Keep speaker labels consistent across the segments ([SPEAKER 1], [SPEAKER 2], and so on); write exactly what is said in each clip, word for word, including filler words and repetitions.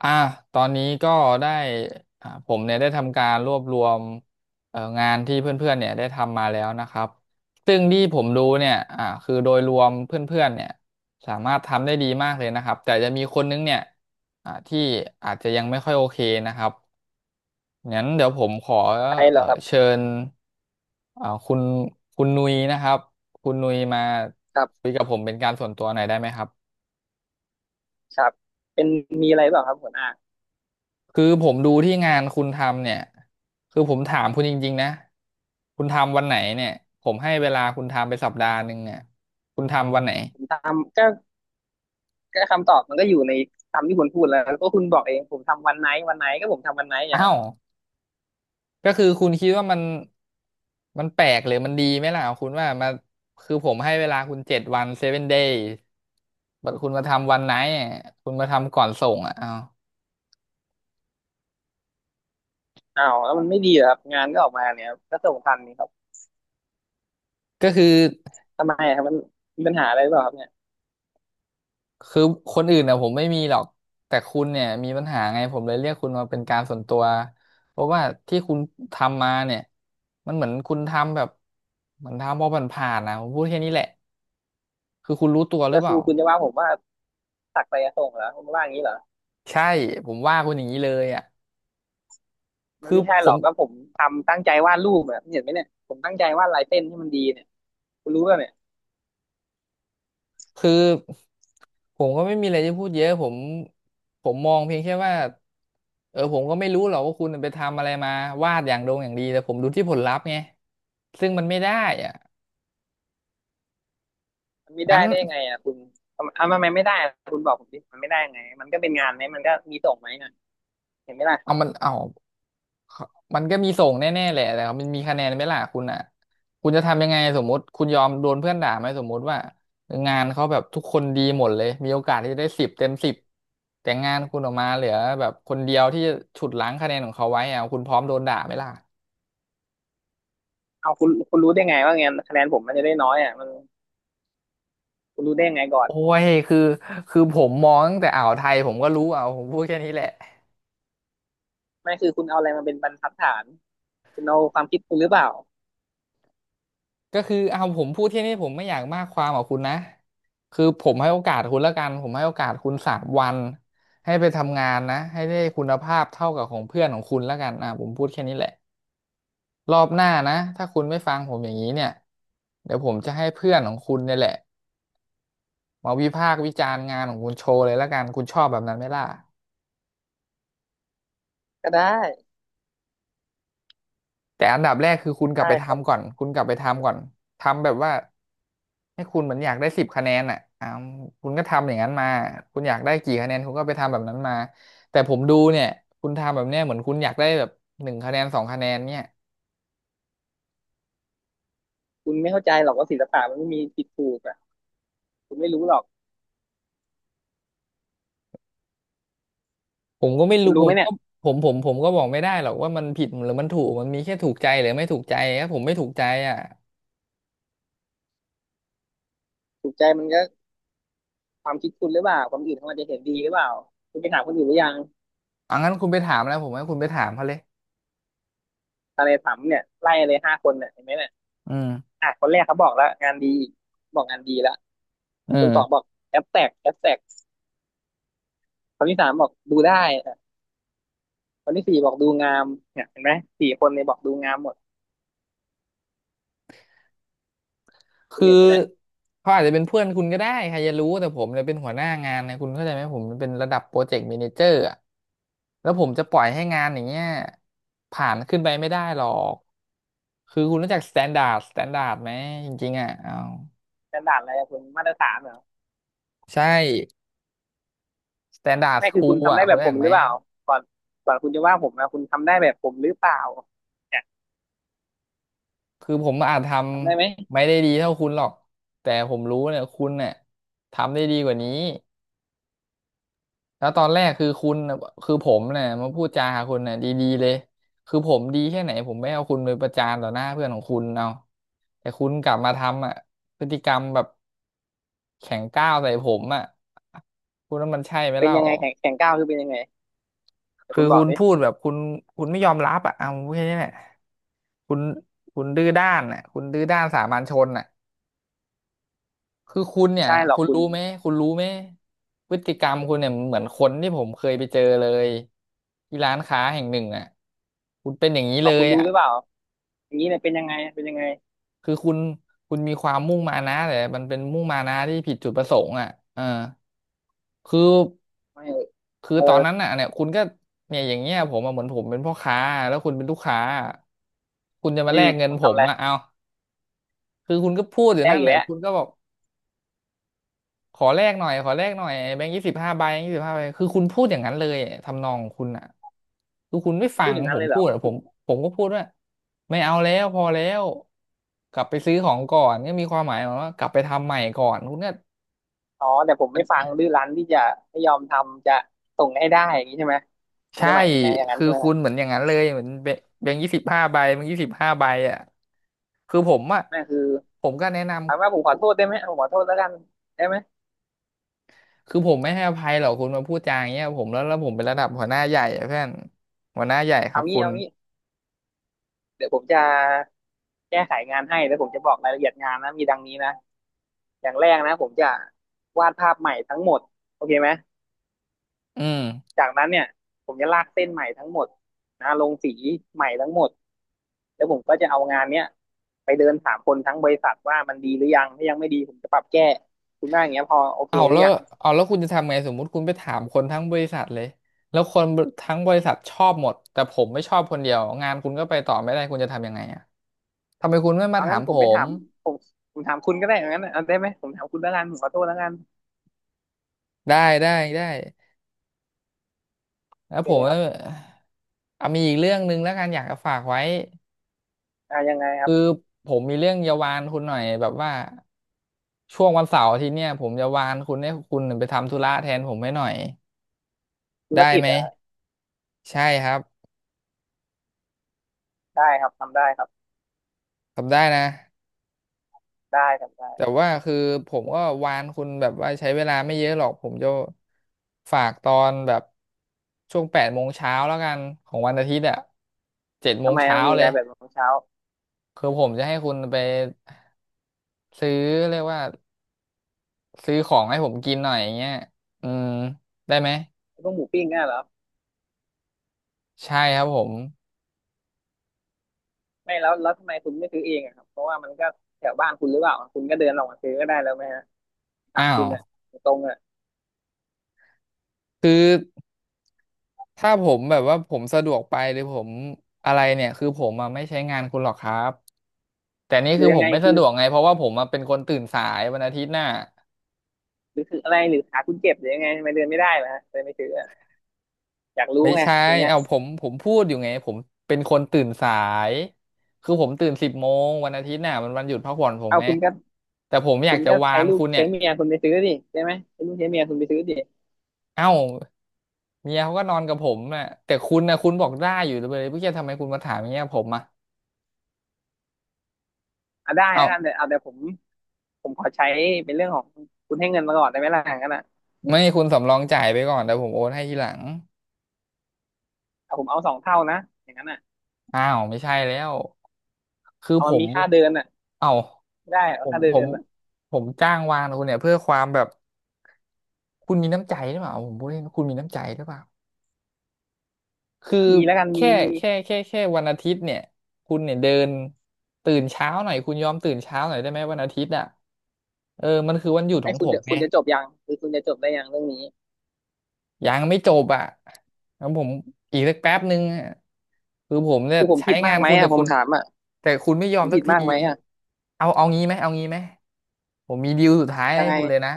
[SPEAKER 1] อ่ะตอนนี้ก็ได้อ่าผมเนี่ยได้ทำการรวบรวมเอ่องานที่เพื่อนๆเนี่ยได้ทำมาแล้วนะครับซึ่งที่ผมดูเนี่ยอ่าคือโดยรวมเพื่อนๆเนี่ยสามารถทำได้ดีมากเลยนะครับแต่จะมีคนนึงเนี่ยอ่าที่อาจจะยังไม่ค่อยโอเคนะครับงั้นเดี๋ยวผมขอ
[SPEAKER 2] ใช่เหร
[SPEAKER 1] เอ่
[SPEAKER 2] อค
[SPEAKER 1] อ
[SPEAKER 2] รับ
[SPEAKER 1] เชิญอ่าคุณคุณนุยนะครับคุณนุยมา
[SPEAKER 2] ครั
[SPEAKER 1] คุ
[SPEAKER 2] บ
[SPEAKER 1] ยกับผมเป็นการส่วนตัวหน่อยได้ไหมครับ
[SPEAKER 2] ครับเป็นมีอะไรเปล่าครับหัวหน้า
[SPEAKER 1] คือผมดูที่งานคุณทำเนี่ยคือผมถามคุณจริงๆนะคุณทำวันไหนเนี่ยผมให้เวลาคุณทำไปสัปดาห์หนึ่งเนี่ยคุณทำวันไหน
[SPEAKER 2] ผมทำก็ก็คำตอบมันก็อยู่ในคำที่คุณพูดแล้วก็คุณบอกเองผมทำวันไหนวันไหนก็ผมทำวันไหนอะ
[SPEAKER 1] อ้า
[SPEAKER 2] ครับ
[SPEAKER 1] วก็คือคุณคิดว่ามันมันแปลกหรือมันดีไหมล่ะคุณว่ามาคือผมให้เวลาคุณเจ็ดวันเซเว่นเดย์คุณมาทำวันไหนอะคุณมาทำก่อนส่งอ่ะอ้าว
[SPEAKER 2] อ้าวแล้วมันไม่ดีเหรอครับงานก็ออกมาเนี่ยครับก็ส่งทันนี่ครับ
[SPEAKER 1] ก็คือ
[SPEAKER 2] ทำไมอะครับมันมีปัญหาอะไรหรือเปล่าครับเนี่ย
[SPEAKER 1] คือคนอื่นน่ะผมไม่มีหรอกแต่คุณเนี่ยมีปัญหาไงผมเลยเรียกคุณมาเป็นการส่วนตัวเพราะว่าที่คุณทำมาเนี่ยมันเหมือนคุณทำแบบเหมือนทำพอผ่านๆนะผมพูดแค่นี้แหละคือคุณรู้ตัวหรือ
[SPEAKER 2] ก็
[SPEAKER 1] เป
[SPEAKER 2] คื
[SPEAKER 1] ล่า
[SPEAKER 2] อคุณจะว่าผมว่าตักไปส่งเหรอคุณว่าอย่างนี้เหรอ
[SPEAKER 1] ใช่ผมว่าคุณอย่างนี้เลยอ่ะ
[SPEAKER 2] มัน
[SPEAKER 1] คือ
[SPEAKER 2] ไม่ใช่
[SPEAKER 1] ผ
[SPEAKER 2] หรอ
[SPEAKER 1] ม
[SPEAKER 2] กก็ผมทำตั้งใจวาดรูปแบบเห็นไหมเนี่ยผมตั้งใจวาดลายเส้นให้มันดีเนี่ยคุณรู้ป่ะเนี่ย
[SPEAKER 1] คือผมก็ไม่มีอะไรจะพูดเยอะผมผมมองเพียงแค่ว่าเออผมก็ไม่รู้หรอกว่าคุณไปทำอะไรมาวาดอย่างดงอย่างดีแต่ผมดูที่ผลลัพธ์ไงซึ่งมันไม่ได้อ่ะ
[SPEAKER 2] มันไม่
[SPEAKER 1] งั้
[SPEAKER 2] ได้
[SPEAKER 1] น
[SPEAKER 2] ได้ยังไงอ่ะคุณทำทำไมไม่ได้อะคุณบอกผมดิมันไม่ได้ยังไงมันก็เป็นงานไหมมันก็มีส่งไหมนะเห็นไหมล่ะ
[SPEAKER 1] เอามันเอา มันก็มีส่งแน่ๆแหละแต่มันมีคะแนนไหมล่ะคุณอ่ะคุณจะทำยังไงสมมติคุณยอมโดนเพื่อนด่าไหมสมมติว่างานเขาแบบทุกคนดีหมดเลยมีโอกาสที่จะได้สิบเต็มสิบแต่งานคุณออกมาเหลือแบบคนเดียวที่จะฉุดล้างคะแนนของเขาไว้อ่ะคุณพร้อมโดนด่าไหมล่ะ
[SPEAKER 2] เอาคุณคุณรู้ได้ไงว่าไงคะแนนผมมันจะได้น้อยอ่ะมันคุณรู้ได้ยังไงก่อน
[SPEAKER 1] โอ้ยคือคือผมมองตั้งแต่อ่าวไทยผมก็รู้อ่ะผมพูดแค่นี้แหละ
[SPEAKER 2] ไม่คือคุณเอาอะไรมาเป็นบรรทัดฐานคุณเอาความคิดคุณหรือเปล่า
[SPEAKER 1] ก็คือเอาผมพูดที่นี่ผมไม่อยากมากความกับคุณนะคือผมให้โอกาสคุณแล้วกันผมให้โอกาสคุณสามวันให้ไปทำงานนะให้ได้คุณภาพเท่ากับของเพื่อนของคุณแล้วกันอ่ะผมพูดแค่นี้แหละรอบหน้านะถ้าคุณไม่ฟังผมอย่างนี้เนี่ยเดี๋ยวผมจะให้เพื่อนของคุณเนี่ยแหละมาวิพากษ์วิจารณ์งานของคุณโชว์เลยแล้วกันคุณชอบแบบนั้นไหมล่ะ
[SPEAKER 2] ก็ได้
[SPEAKER 1] แต่อันดับแรกคือคุณกลับ
[SPEAKER 2] ได้
[SPEAKER 1] ไป
[SPEAKER 2] ครั
[SPEAKER 1] ทำก่
[SPEAKER 2] บ
[SPEAKER 1] อนคุณกลับไปทำก่อนทำแบบว่าให้คุณเหมือนอยากได้สิบคะแนนอ่ะอ่าคุณก็ทำอย่างนั้นมาคุณอยากได้กี่คะแนนคุณก็ไปทำแบบนั้นมาแต่ผมดูเนี่ยคุณทำแบบเนี้ยเหมือนคุณอยากได้แบบหนึ่งคะแนนสองคะแนนเนี่ย
[SPEAKER 2] คุณไม่เข้าใจหรอกว่าศิลปะมันไม่มีผิดถูกอ่ะคุณไม่รู้หรอก
[SPEAKER 1] ผมก็ไม่
[SPEAKER 2] คุ
[SPEAKER 1] รู้
[SPEAKER 2] ณ
[SPEAKER 1] ผ
[SPEAKER 2] รู้ไหม
[SPEAKER 1] ม
[SPEAKER 2] เนี่
[SPEAKER 1] ก็
[SPEAKER 2] ย
[SPEAKER 1] ผมผมผมก็บอกไม่ได้หรอกว่ามันผิดหรือมันถูกมันมีแค่ถูกใจหรือไม่ถูกใจถ้าผมไม่ถูกใจอ่ะ
[SPEAKER 2] ถูกใจมันก็ความคิดคุณหรือเปล่าความอื่นเขาอาจจะเห็นดีหรือเปล่าคุณไปถามคนอื่นหรือยัง
[SPEAKER 1] อังั้นคุณไปถามแล้วผมให้คุณไปถามเขาเลย
[SPEAKER 2] อะไรถามเนี่ยไล่เลยห้าคนเนี่ยเห็นไหมเนี่ย
[SPEAKER 1] อืม
[SPEAKER 2] อ่ะคนแรกเขาบอกแล้วงานดีบอกงานดีแล้ว
[SPEAKER 1] อื
[SPEAKER 2] คน
[SPEAKER 1] ม
[SPEAKER 2] สองบอกแอบแตกแอบแตกคนที่สามบอกดูได้อ่ะคนที่สี่บอกดูงามเนี่ยเห็นไหมสี่คนเนี่ยบอกดูงามหมด คุณ
[SPEAKER 1] คือ
[SPEAKER 2] เห็นไหมเนี่ย
[SPEAKER 1] เขาอาจจะเป็นเพื่อนคุณก็ได้ใครจะรู้แต่ผมเนี่ยเป็นหัวหน้างานนะคุณเข้าใจไหมผมเป็นระดับโปรเจกต์แมเนเจอร์อะแล้วผมจะปล่อยให้งานอย่างเงี้ยผ่านขึ้นไปไม่ได้หรอกคือคุณรู้จักสแตนดาร์ดสแตนดาร์ดไหมจริงๆอ่ะเอา
[SPEAKER 2] สแตนดาร์ดอะไรอะคุณมาตรฐานเหรอ
[SPEAKER 1] ใช่สแตนดาร์ด
[SPEAKER 2] ไม่
[SPEAKER 1] ค
[SPEAKER 2] คือ
[SPEAKER 1] รู
[SPEAKER 2] คุณทำ
[SPEAKER 1] อ่ะ
[SPEAKER 2] ได้
[SPEAKER 1] คุ
[SPEAKER 2] แบ
[SPEAKER 1] ณ
[SPEAKER 2] บ
[SPEAKER 1] รู้
[SPEAKER 2] ผ
[SPEAKER 1] จั
[SPEAKER 2] ม
[SPEAKER 1] กไห
[SPEAKER 2] ห
[SPEAKER 1] ม
[SPEAKER 2] รือเปล่าก่อนก่อนคุณจะว่าผมนะคุณทำได้แบบผมหรือเปล่าเนี่ย
[SPEAKER 1] คือผมอาจท
[SPEAKER 2] ทำได้ไหม
[SPEAKER 1] ำไม่ได้ดีเท่าคุณหรอกแต่ผมรู้เนี่ยคุณเนี่ยทำได้ดีกว่านี้ แล้วตอนแรกคือคุณน่ะคือผมเนี่ยมาพูดจาหาคุณเนี่ยดีๆเลยคือผมดีแค่ไหนผมไม่เอาคุณไปประจานต่อหน้าเพื่อนของคุณเอาแต่คุณกลับมาทำอ่ะพฤติกรรมแบบแข็งก้าวใส่ผมอ่ะคุณว่ามันใช่ไหม
[SPEAKER 2] เป็น
[SPEAKER 1] เล่า
[SPEAKER 2] ยังไงแข่งแข่งก้าวคือเป็นยังไงแต่
[SPEAKER 1] คือ
[SPEAKER 2] คุณบอ
[SPEAKER 1] คุ
[SPEAKER 2] ก
[SPEAKER 1] ณ
[SPEAKER 2] ดิ
[SPEAKER 1] พูดแบบคุณคุณไม่ยอมรับอ่ะเอาแค่นี้แหละคุณคุณดื้อด้านอ่ะคุณดื้อด้านสามัญชนอ่ะ คือคุณ
[SPEAKER 2] ไม่
[SPEAKER 1] เนี่ย
[SPEAKER 2] ใช่หรอ
[SPEAKER 1] คุ
[SPEAKER 2] ก
[SPEAKER 1] ณ
[SPEAKER 2] คุณ
[SPEAKER 1] รู้ไหมคุณรู้ไหมพฤติกรรมคุณเนี่ยเหมือนคนที่ผมเคยไปเจอเลยที่ร้านค้าแห่งหนึ่งอ่ะคุณเป็นอย่างนี้
[SPEAKER 2] พ
[SPEAKER 1] เล
[SPEAKER 2] อคุ
[SPEAKER 1] ย
[SPEAKER 2] ณรู้
[SPEAKER 1] อ่ะ
[SPEAKER 2] หรือเปล่าอย่างนี้เนี่ยเป็นยังไงเป็นยังไง
[SPEAKER 1] คือคุณคุณมีความมุ่งมานะแต่มันเป็นมุ่งมานะที่ผิดจุดประสงค์อ่ะเออคือ
[SPEAKER 2] ไม่
[SPEAKER 1] คือ
[SPEAKER 2] เออ
[SPEAKER 1] ตอนนั้นอ่ะเนี่ยคุณก็เนี่ยอย่างเงี้ยผมอะเหมือนผมเป็นพ่อค้าแล้วคุณเป็นลูกค้าคุณจะมา
[SPEAKER 2] อื
[SPEAKER 1] แล
[SPEAKER 2] ม
[SPEAKER 1] กเงิ
[SPEAKER 2] ผ
[SPEAKER 1] น
[SPEAKER 2] ม
[SPEAKER 1] ผ
[SPEAKER 2] ทำ
[SPEAKER 1] ม
[SPEAKER 2] อะไร
[SPEAKER 1] อ่ะเอาคือคุณก็พูดอยู่
[SPEAKER 2] แรก
[SPEAKER 1] นั่น
[SPEAKER 2] อี
[SPEAKER 1] แห
[SPEAKER 2] ก
[SPEAKER 1] ละ
[SPEAKER 2] แล้ว
[SPEAKER 1] คุณก็บอก ขอแลกหน่อยขอแลกหน่อยแบงค์ยี่สิบห้าใบยี่สิบห้าใบคือคุณพูดอย่างนั้นเลยทำนองของคุณอ่ะคือคุณไม่ฟั
[SPEAKER 2] พูด
[SPEAKER 1] ง
[SPEAKER 2] อย่างนั้
[SPEAKER 1] ผ
[SPEAKER 2] นเล
[SPEAKER 1] ม
[SPEAKER 2] ยเหร
[SPEAKER 1] พู
[SPEAKER 2] อ
[SPEAKER 1] ด
[SPEAKER 2] ผม
[SPEAKER 1] อะผ
[SPEAKER 2] พูด
[SPEAKER 1] มผมก็พูดว่าไม่เอาแล้วพอแล้วกลับไปซื้อของก่อนก็มีความหมายว่ากลับไปทำใหม่ก่อนคุณก็
[SPEAKER 2] อ๋อแต่ผมไม่ฟังดื้อรั้นที่จะไม่ยอมทำจะส่งให้ได้อย่างนี้ใช่ไหมคุณ
[SPEAKER 1] ใช่
[SPEAKER 2] จะหมายอย่างนั้น
[SPEAKER 1] คือ
[SPEAKER 2] ใช่ไหมค
[SPEAKER 1] คุ
[SPEAKER 2] รับ
[SPEAKER 1] ณเหมือนอย่างนั้นเลยเหมือนแบแบงค์ยี่สิบห้าใบแบงค์ยี่สิบห้าใบอ่ะคือผมอ่ะ
[SPEAKER 2] นั่นคือ
[SPEAKER 1] ผมก็แนะน
[SPEAKER 2] ถามว่าผมขอโทษได้ไหมเอาผมขอโทษแล้วกันได้ไหม
[SPEAKER 1] ำคือผมไม่ให้อภัยหรอกคุณมาพูดจาอย่างเงี้ยผมแล้วแล้วผมเป็นระดับหัวหน้าใหญ่อะเพื่อนหัวหน้าใหญ่ครั
[SPEAKER 2] เอา
[SPEAKER 1] บ
[SPEAKER 2] งี้
[SPEAKER 1] คุณ
[SPEAKER 2] เอางี้ เดี๋ยวผมจะแก้ไขงานให้แล้วผมจะบอกรายละเอียดงานนะมีดังนี้นะอย่างแรกนะผมจะวาดภาพใหม่ทั้งหมดโอเคไหม
[SPEAKER 1] อืม
[SPEAKER 2] จากนั้นเนี่ยผมจะลากเส้นใหม่ทั้งหมดนะลงสีใหม่ทั้งหมดแล้วผมก็จะเอางานเนี้ยไปเดินถามคนทั้งบริษัทว่ามันดีหรือยังถ้ายังไม่ดีผมจะปรับแก้คุณว่าอย่างเงี้ยพอโอเค
[SPEAKER 1] เอา
[SPEAKER 2] หรื
[SPEAKER 1] แล้
[SPEAKER 2] อ
[SPEAKER 1] ว
[SPEAKER 2] ยัง
[SPEAKER 1] เอาแล้วคุณจะทำไงสมมุติคุณไปถามคนทั้งบริษัทเลยแล้วคนทั้งบริษัทชอบหมดแต่ผมไม่ชอบคนเดียวงานคุณก็ไปต่อไม่ได้คุณจะทำยังไงอ่ะทำไมคุณไม่มา
[SPEAKER 2] เอา
[SPEAKER 1] ถา
[SPEAKER 2] งั้
[SPEAKER 1] ม
[SPEAKER 2] นผ
[SPEAKER 1] ผ
[SPEAKER 2] มไม่ถา
[SPEAKER 1] ม
[SPEAKER 2] มผมผมถามคุณก็ได้อางั้นเอาได้ไหมผมถามคุณแล้วกันผมขอโทษแล้วกัน
[SPEAKER 1] ได้ได้ได้
[SPEAKER 2] โอ
[SPEAKER 1] แล้ว
[SPEAKER 2] เค
[SPEAKER 1] ผม
[SPEAKER 2] ค
[SPEAKER 1] ก็
[SPEAKER 2] รับ
[SPEAKER 1] เอามีอีกเรื่องหนึ่งแล้วกันอยากจะฝากไว้
[SPEAKER 2] อ่ายังไงครับ
[SPEAKER 1] คือผมมีเรื่องจะวานคุณหน่อยแบบว่าช่วงวันเสาร์อาทิตย์เนี่ยผมจะวานคุณให้คุณไปทำธุระแทนผมให้หน่อย
[SPEAKER 2] ธุร
[SPEAKER 1] ได้
[SPEAKER 2] กิ
[SPEAKER 1] ไห
[SPEAKER 2] จ
[SPEAKER 1] ม
[SPEAKER 2] อ่ะ
[SPEAKER 1] ใช่ครับ
[SPEAKER 2] ได้ครับทำได้ครับ
[SPEAKER 1] ทำได้นะ
[SPEAKER 2] ได้ทำ
[SPEAKER 1] แต่
[SPEAKER 2] ได้
[SPEAKER 1] ว่าคือผมก็วานคุณแบบว่าใช้เวลาไม่เยอะหรอกผมจะฝากตอนแบบช่วงแปดโมงเช้าแล้วกันของวันอาทิตย์อ่ะเจ็ดโม
[SPEAKER 2] ทำ
[SPEAKER 1] ง
[SPEAKER 2] ไม
[SPEAKER 1] เช้า
[SPEAKER 2] มันมี
[SPEAKER 1] เล
[SPEAKER 2] อะไร
[SPEAKER 1] ย
[SPEAKER 2] แบบของเช้า
[SPEAKER 1] คือผมจะให้คุณไปซื้อเรียกว่าซื้อของให้ผมกินหน่อยอย่างเงี้ยอืมได้ไหม
[SPEAKER 2] พวกหมูปิ้งอ่ะเหรอ
[SPEAKER 1] ใช่ครับผม
[SPEAKER 2] ไม่แล้วแล้วทำไมคุณไม่ซื้อเองอะครับเพราะว่ามันก็แถวบ้านคุณหรือเปล่าคุณก็เดินลงมาซื้อก็ได้แล้วไหมฮะถาม
[SPEAKER 1] อ้า
[SPEAKER 2] คุ
[SPEAKER 1] ว
[SPEAKER 2] ณอ่ะตรงๆอ่ะ
[SPEAKER 1] คือถ้าผมแบบว่าผมสะดวกไปหรือผมอะไรเนี่ยคือผมอะไม่ใช้งานคุณหรอกครับแต่นี่
[SPEAKER 2] หรื
[SPEAKER 1] คื
[SPEAKER 2] อ
[SPEAKER 1] อ
[SPEAKER 2] ยั
[SPEAKER 1] ผ
[SPEAKER 2] ง
[SPEAKER 1] ม
[SPEAKER 2] ไง
[SPEAKER 1] ไม่สะ
[SPEAKER 2] คือ
[SPEAKER 1] ดวกไงเพราะว่าผมอะเป็นคนตื่นสายวันอาทิตย์น่ะ
[SPEAKER 2] หรือคืออะไรหรือขาคุณเจ็บหรือยังไงทำไมเดินไม่ได้ล่ะฮะเลยไม่ซื้ออะอยากรู้
[SPEAKER 1] ไม่
[SPEAKER 2] ไง
[SPEAKER 1] ใช่
[SPEAKER 2] ตรงเนี้ย
[SPEAKER 1] เอาผมผมพูดอยู่ไงผมเป็นคนตื่นสายคือผมตื่นสิบโมงวันอาทิตย์น่ะมันวันหยุดพักผ่อนผม
[SPEAKER 2] เอา
[SPEAKER 1] ไง
[SPEAKER 2] คุณก็
[SPEAKER 1] แต่ผมอ
[SPEAKER 2] คุ
[SPEAKER 1] ยาก
[SPEAKER 2] ณ
[SPEAKER 1] จะ
[SPEAKER 2] ก็
[SPEAKER 1] วา
[SPEAKER 2] ใช้
[SPEAKER 1] น
[SPEAKER 2] ลูก
[SPEAKER 1] คุณเนี่
[SPEAKER 2] ใช้
[SPEAKER 1] ย
[SPEAKER 2] เมียคุณไปซื้อดิได้ไหมใช้ลูกใช้เมียคุณไปซื้อดิ
[SPEAKER 1] เอ้าเมียเขาก็นอนกับผมน่ะแต่คุณนะคุณบอกได้อยู่เลยเพื่อทำไมคุณมาถามอย่างเงี้ยผมอ่ะ
[SPEAKER 2] อ่ะได้
[SPEAKER 1] เอ้า
[SPEAKER 2] แล้วกันแต่เอาแต่ผมผมขอใช้เป็นเรื่องของคุณให้เงินมาก่อนได้ไหมล่ะอย่างนั้นอ่ะ
[SPEAKER 1] ไม่คุณสำรองจ่ายไปก่อนแต่ผมโอนให้ทีหลัง
[SPEAKER 2] เอาผมเอาสองเท่านะอย่างนั้นอ่ะ
[SPEAKER 1] อ้าวไม่ใช่แล้วคือ
[SPEAKER 2] เอา
[SPEAKER 1] ผ
[SPEAKER 2] มัน
[SPEAKER 1] ม
[SPEAKER 2] มีค่าเดินอ่ะ
[SPEAKER 1] เอ้า
[SPEAKER 2] ได้
[SPEAKER 1] ผ
[SPEAKER 2] เอา
[SPEAKER 1] ม
[SPEAKER 2] ค่าเดิ
[SPEAKER 1] ผม
[SPEAKER 2] นอ่ะ
[SPEAKER 1] ผมจ้างวานคุณเนี่ยเพื่อความแบบคุณมีน้ำใจหรือเปล่าผมพูดเล่นคุณมีน้ำใจหรือเปล่า คือ
[SPEAKER 2] มีแล้วกันมี
[SPEAKER 1] แค่
[SPEAKER 2] มี
[SPEAKER 1] แค่แค่แค่วันอาทิตย์เนี่ยคุณเนี่ยเดินตื่นเช้าหน่อยคุณยอมตื่นเช้าหน่อยได้ไหมวันอาทิตย์อ่ะเออมันคือวันหยุดข
[SPEAKER 2] ไม่
[SPEAKER 1] อง
[SPEAKER 2] คุ
[SPEAKER 1] ผ
[SPEAKER 2] ณ
[SPEAKER 1] ม
[SPEAKER 2] จะ
[SPEAKER 1] ไง
[SPEAKER 2] คุณจะจบยังคือคุณจะจบได้ยังเรื่องนี้
[SPEAKER 1] ยังไม่จบอ่ะแล้วผมอีกสักแป๊บนึงอะคือผมเนี่ย
[SPEAKER 2] คือผม
[SPEAKER 1] ใช้
[SPEAKER 2] ผิดมา
[SPEAKER 1] งา
[SPEAKER 2] ก
[SPEAKER 1] น
[SPEAKER 2] ไหม
[SPEAKER 1] คุณแต่
[SPEAKER 2] อ่ะผ
[SPEAKER 1] คุ
[SPEAKER 2] ม
[SPEAKER 1] ณ
[SPEAKER 2] ถามอ่ะ
[SPEAKER 1] แต่คุณไม่ยอ
[SPEAKER 2] ผ
[SPEAKER 1] ม
[SPEAKER 2] ม
[SPEAKER 1] สัก
[SPEAKER 2] ผิด
[SPEAKER 1] ที
[SPEAKER 2] มากไหมอ่ะ
[SPEAKER 1] เอาเอางี้ไหมเอางี้ไหมผมมีดีลสุดท้าย
[SPEAKER 2] ยั
[SPEAKER 1] ให้
[SPEAKER 2] งไง
[SPEAKER 1] คุณเลยนะ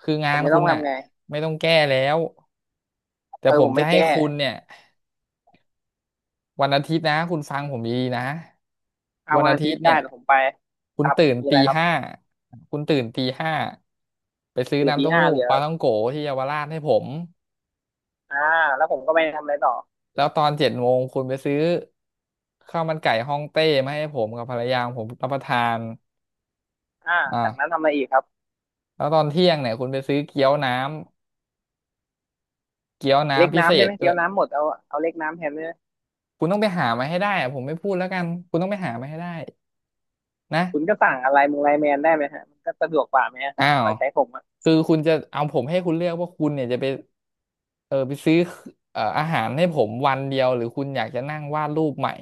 [SPEAKER 1] คืองา
[SPEAKER 2] ผ
[SPEAKER 1] น
[SPEAKER 2] มจะ
[SPEAKER 1] คุ
[SPEAKER 2] ต้อ
[SPEAKER 1] ณ
[SPEAKER 2] ง
[SPEAKER 1] น่ะ
[SPEAKER 2] ทำไง
[SPEAKER 1] ไม่ต้องแก้แล้วแต่
[SPEAKER 2] เออ
[SPEAKER 1] ผ
[SPEAKER 2] ผ
[SPEAKER 1] ม
[SPEAKER 2] ม
[SPEAKER 1] จะ
[SPEAKER 2] ไม่
[SPEAKER 1] ให้
[SPEAKER 2] แก้
[SPEAKER 1] คุณเนี่ย วันอาทิตย์นะคุณฟังผมดีๆนะ
[SPEAKER 2] เอา
[SPEAKER 1] วัน
[SPEAKER 2] วัน
[SPEAKER 1] อา
[SPEAKER 2] อา
[SPEAKER 1] ทิ
[SPEAKER 2] ทิ
[SPEAKER 1] ต
[SPEAKER 2] ต
[SPEAKER 1] ย์
[SPEAKER 2] ย์
[SPEAKER 1] เนี่
[SPEAKER 2] ได้
[SPEAKER 1] ย
[SPEAKER 2] แต่ผมไป
[SPEAKER 1] คุ
[SPEAKER 2] ค
[SPEAKER 1] ณ
[SPEAKER 2] รับ
[SPEAKER 1] ตื่น
[SPEAKER 2] มีอะ
[SPEAKER 1] ตี
[SPEAKER 2] ไรครับ
[SPEAKER 1] ห้าคุณตื่นตีห้าไปซื้อ
[SPEAKER 2] ตื่น
[SPEAKER 1] น้ำ
[SPEAKER 2] ตี
[SPEAKER 1] เต้า
[SPEAKER 2] ห้า
[SPEAKER 1] หู้
[SPEAKER 2] เหลือ
[SPEAKER 1] ปลาท่องโกที่เยาวราชให้ผม
[SPEAKER 2] อ่าแล้วผมก็ไปทำอะไรต่อ
[SPEAKER 1] แล้วตอนเจ็ดโมงคุณไปซื้อข้าวมันไก่ฮ่องเต้มาให้ผมกับภรรยาของผมรับประทาน
[SPEAKER 2] อ่าจากนั้น
[SPEAKER 1] อ่า
[SPEAKER 2] ทำอะไรอีกครับ
[SPEAKER 1] แล้วตอนเที่ยงเนี่ยคุณไปซื้อเกี๊ยวน้ำเกี๊ยว
[SPEAKER 2] เล็ก
[SPEAKER 1] น้ำพิเศ
[SPEAKER 2] น้ำได้
[SPEAKER 1] ษ
[SPEAKER 2] ไหม
[SPEAKER 1] ด้
[SPEAKER 2] เกี๊
[SPEAKER 1] ว
[SPEAKER 2] ย
[SPEAKER 1] ย
[SPEAKER 2] วน้ำหมดเอาเอาเล็กน้ำแทนได้ไหม
[SPEAKER 1] คุณต้องไปหามาให้ได้อะผมไม่พูดแล้วกันคุณต้องไปหามาให้ได้นะ
[SPEAKER 2] คุณก็สั่งอะไรมึงไลน์แมนได้ไหมฮะมันก็สะดวกกว่าไหมฮะ
[SPEAKER 1] อ้า
[SPEAKER 2] ก
[SPEAKER 1] ว
[SPEAKER 2] ว่าใช้ผมอ่ะ
[SPEAKER 1] คือคุณจะเอาผมให้คุณเลือกว่าคุณเนี่ยจะไป เออไปซื้อเอ่ออาหารให้ผมวันเดียวหรือคุณอยากจะนั่งวาดรูปใหม่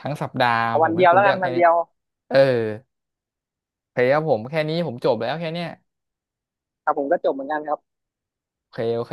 [SPEAKER 1] ทั้งสัปดาห์
[SPEAKER 2] เอา
[SPEAKER 1] ผ
[SPEAKER 2] วัน
[SPEAKER 1] มให้
[SPEAKER 2] เดียว
[SPEAKER 1] คุณ
[SPEAKER 2] แล้ว
[SPEAKER 1] เลื
[SPEAKER 2] กั
[SPEAKER 1] อ
[SPEAKER 2] น
[SPEAKER 1] กแค่
[SPEAKER 2] วัน
[SPEAKER 1] เนี้
[SPEAKER 2] เดี
[SPEAKER 1] ย
[SPEAKER 2] ยว
[SPEAKER 1] เออโอเคครับผมแค่นี้ผมจบแล้วแค่เนี้ย
[SPEAKER 2] ครับผมก็จบเหมือนกันครับ
[SPEAKER 1] โอเคโอเค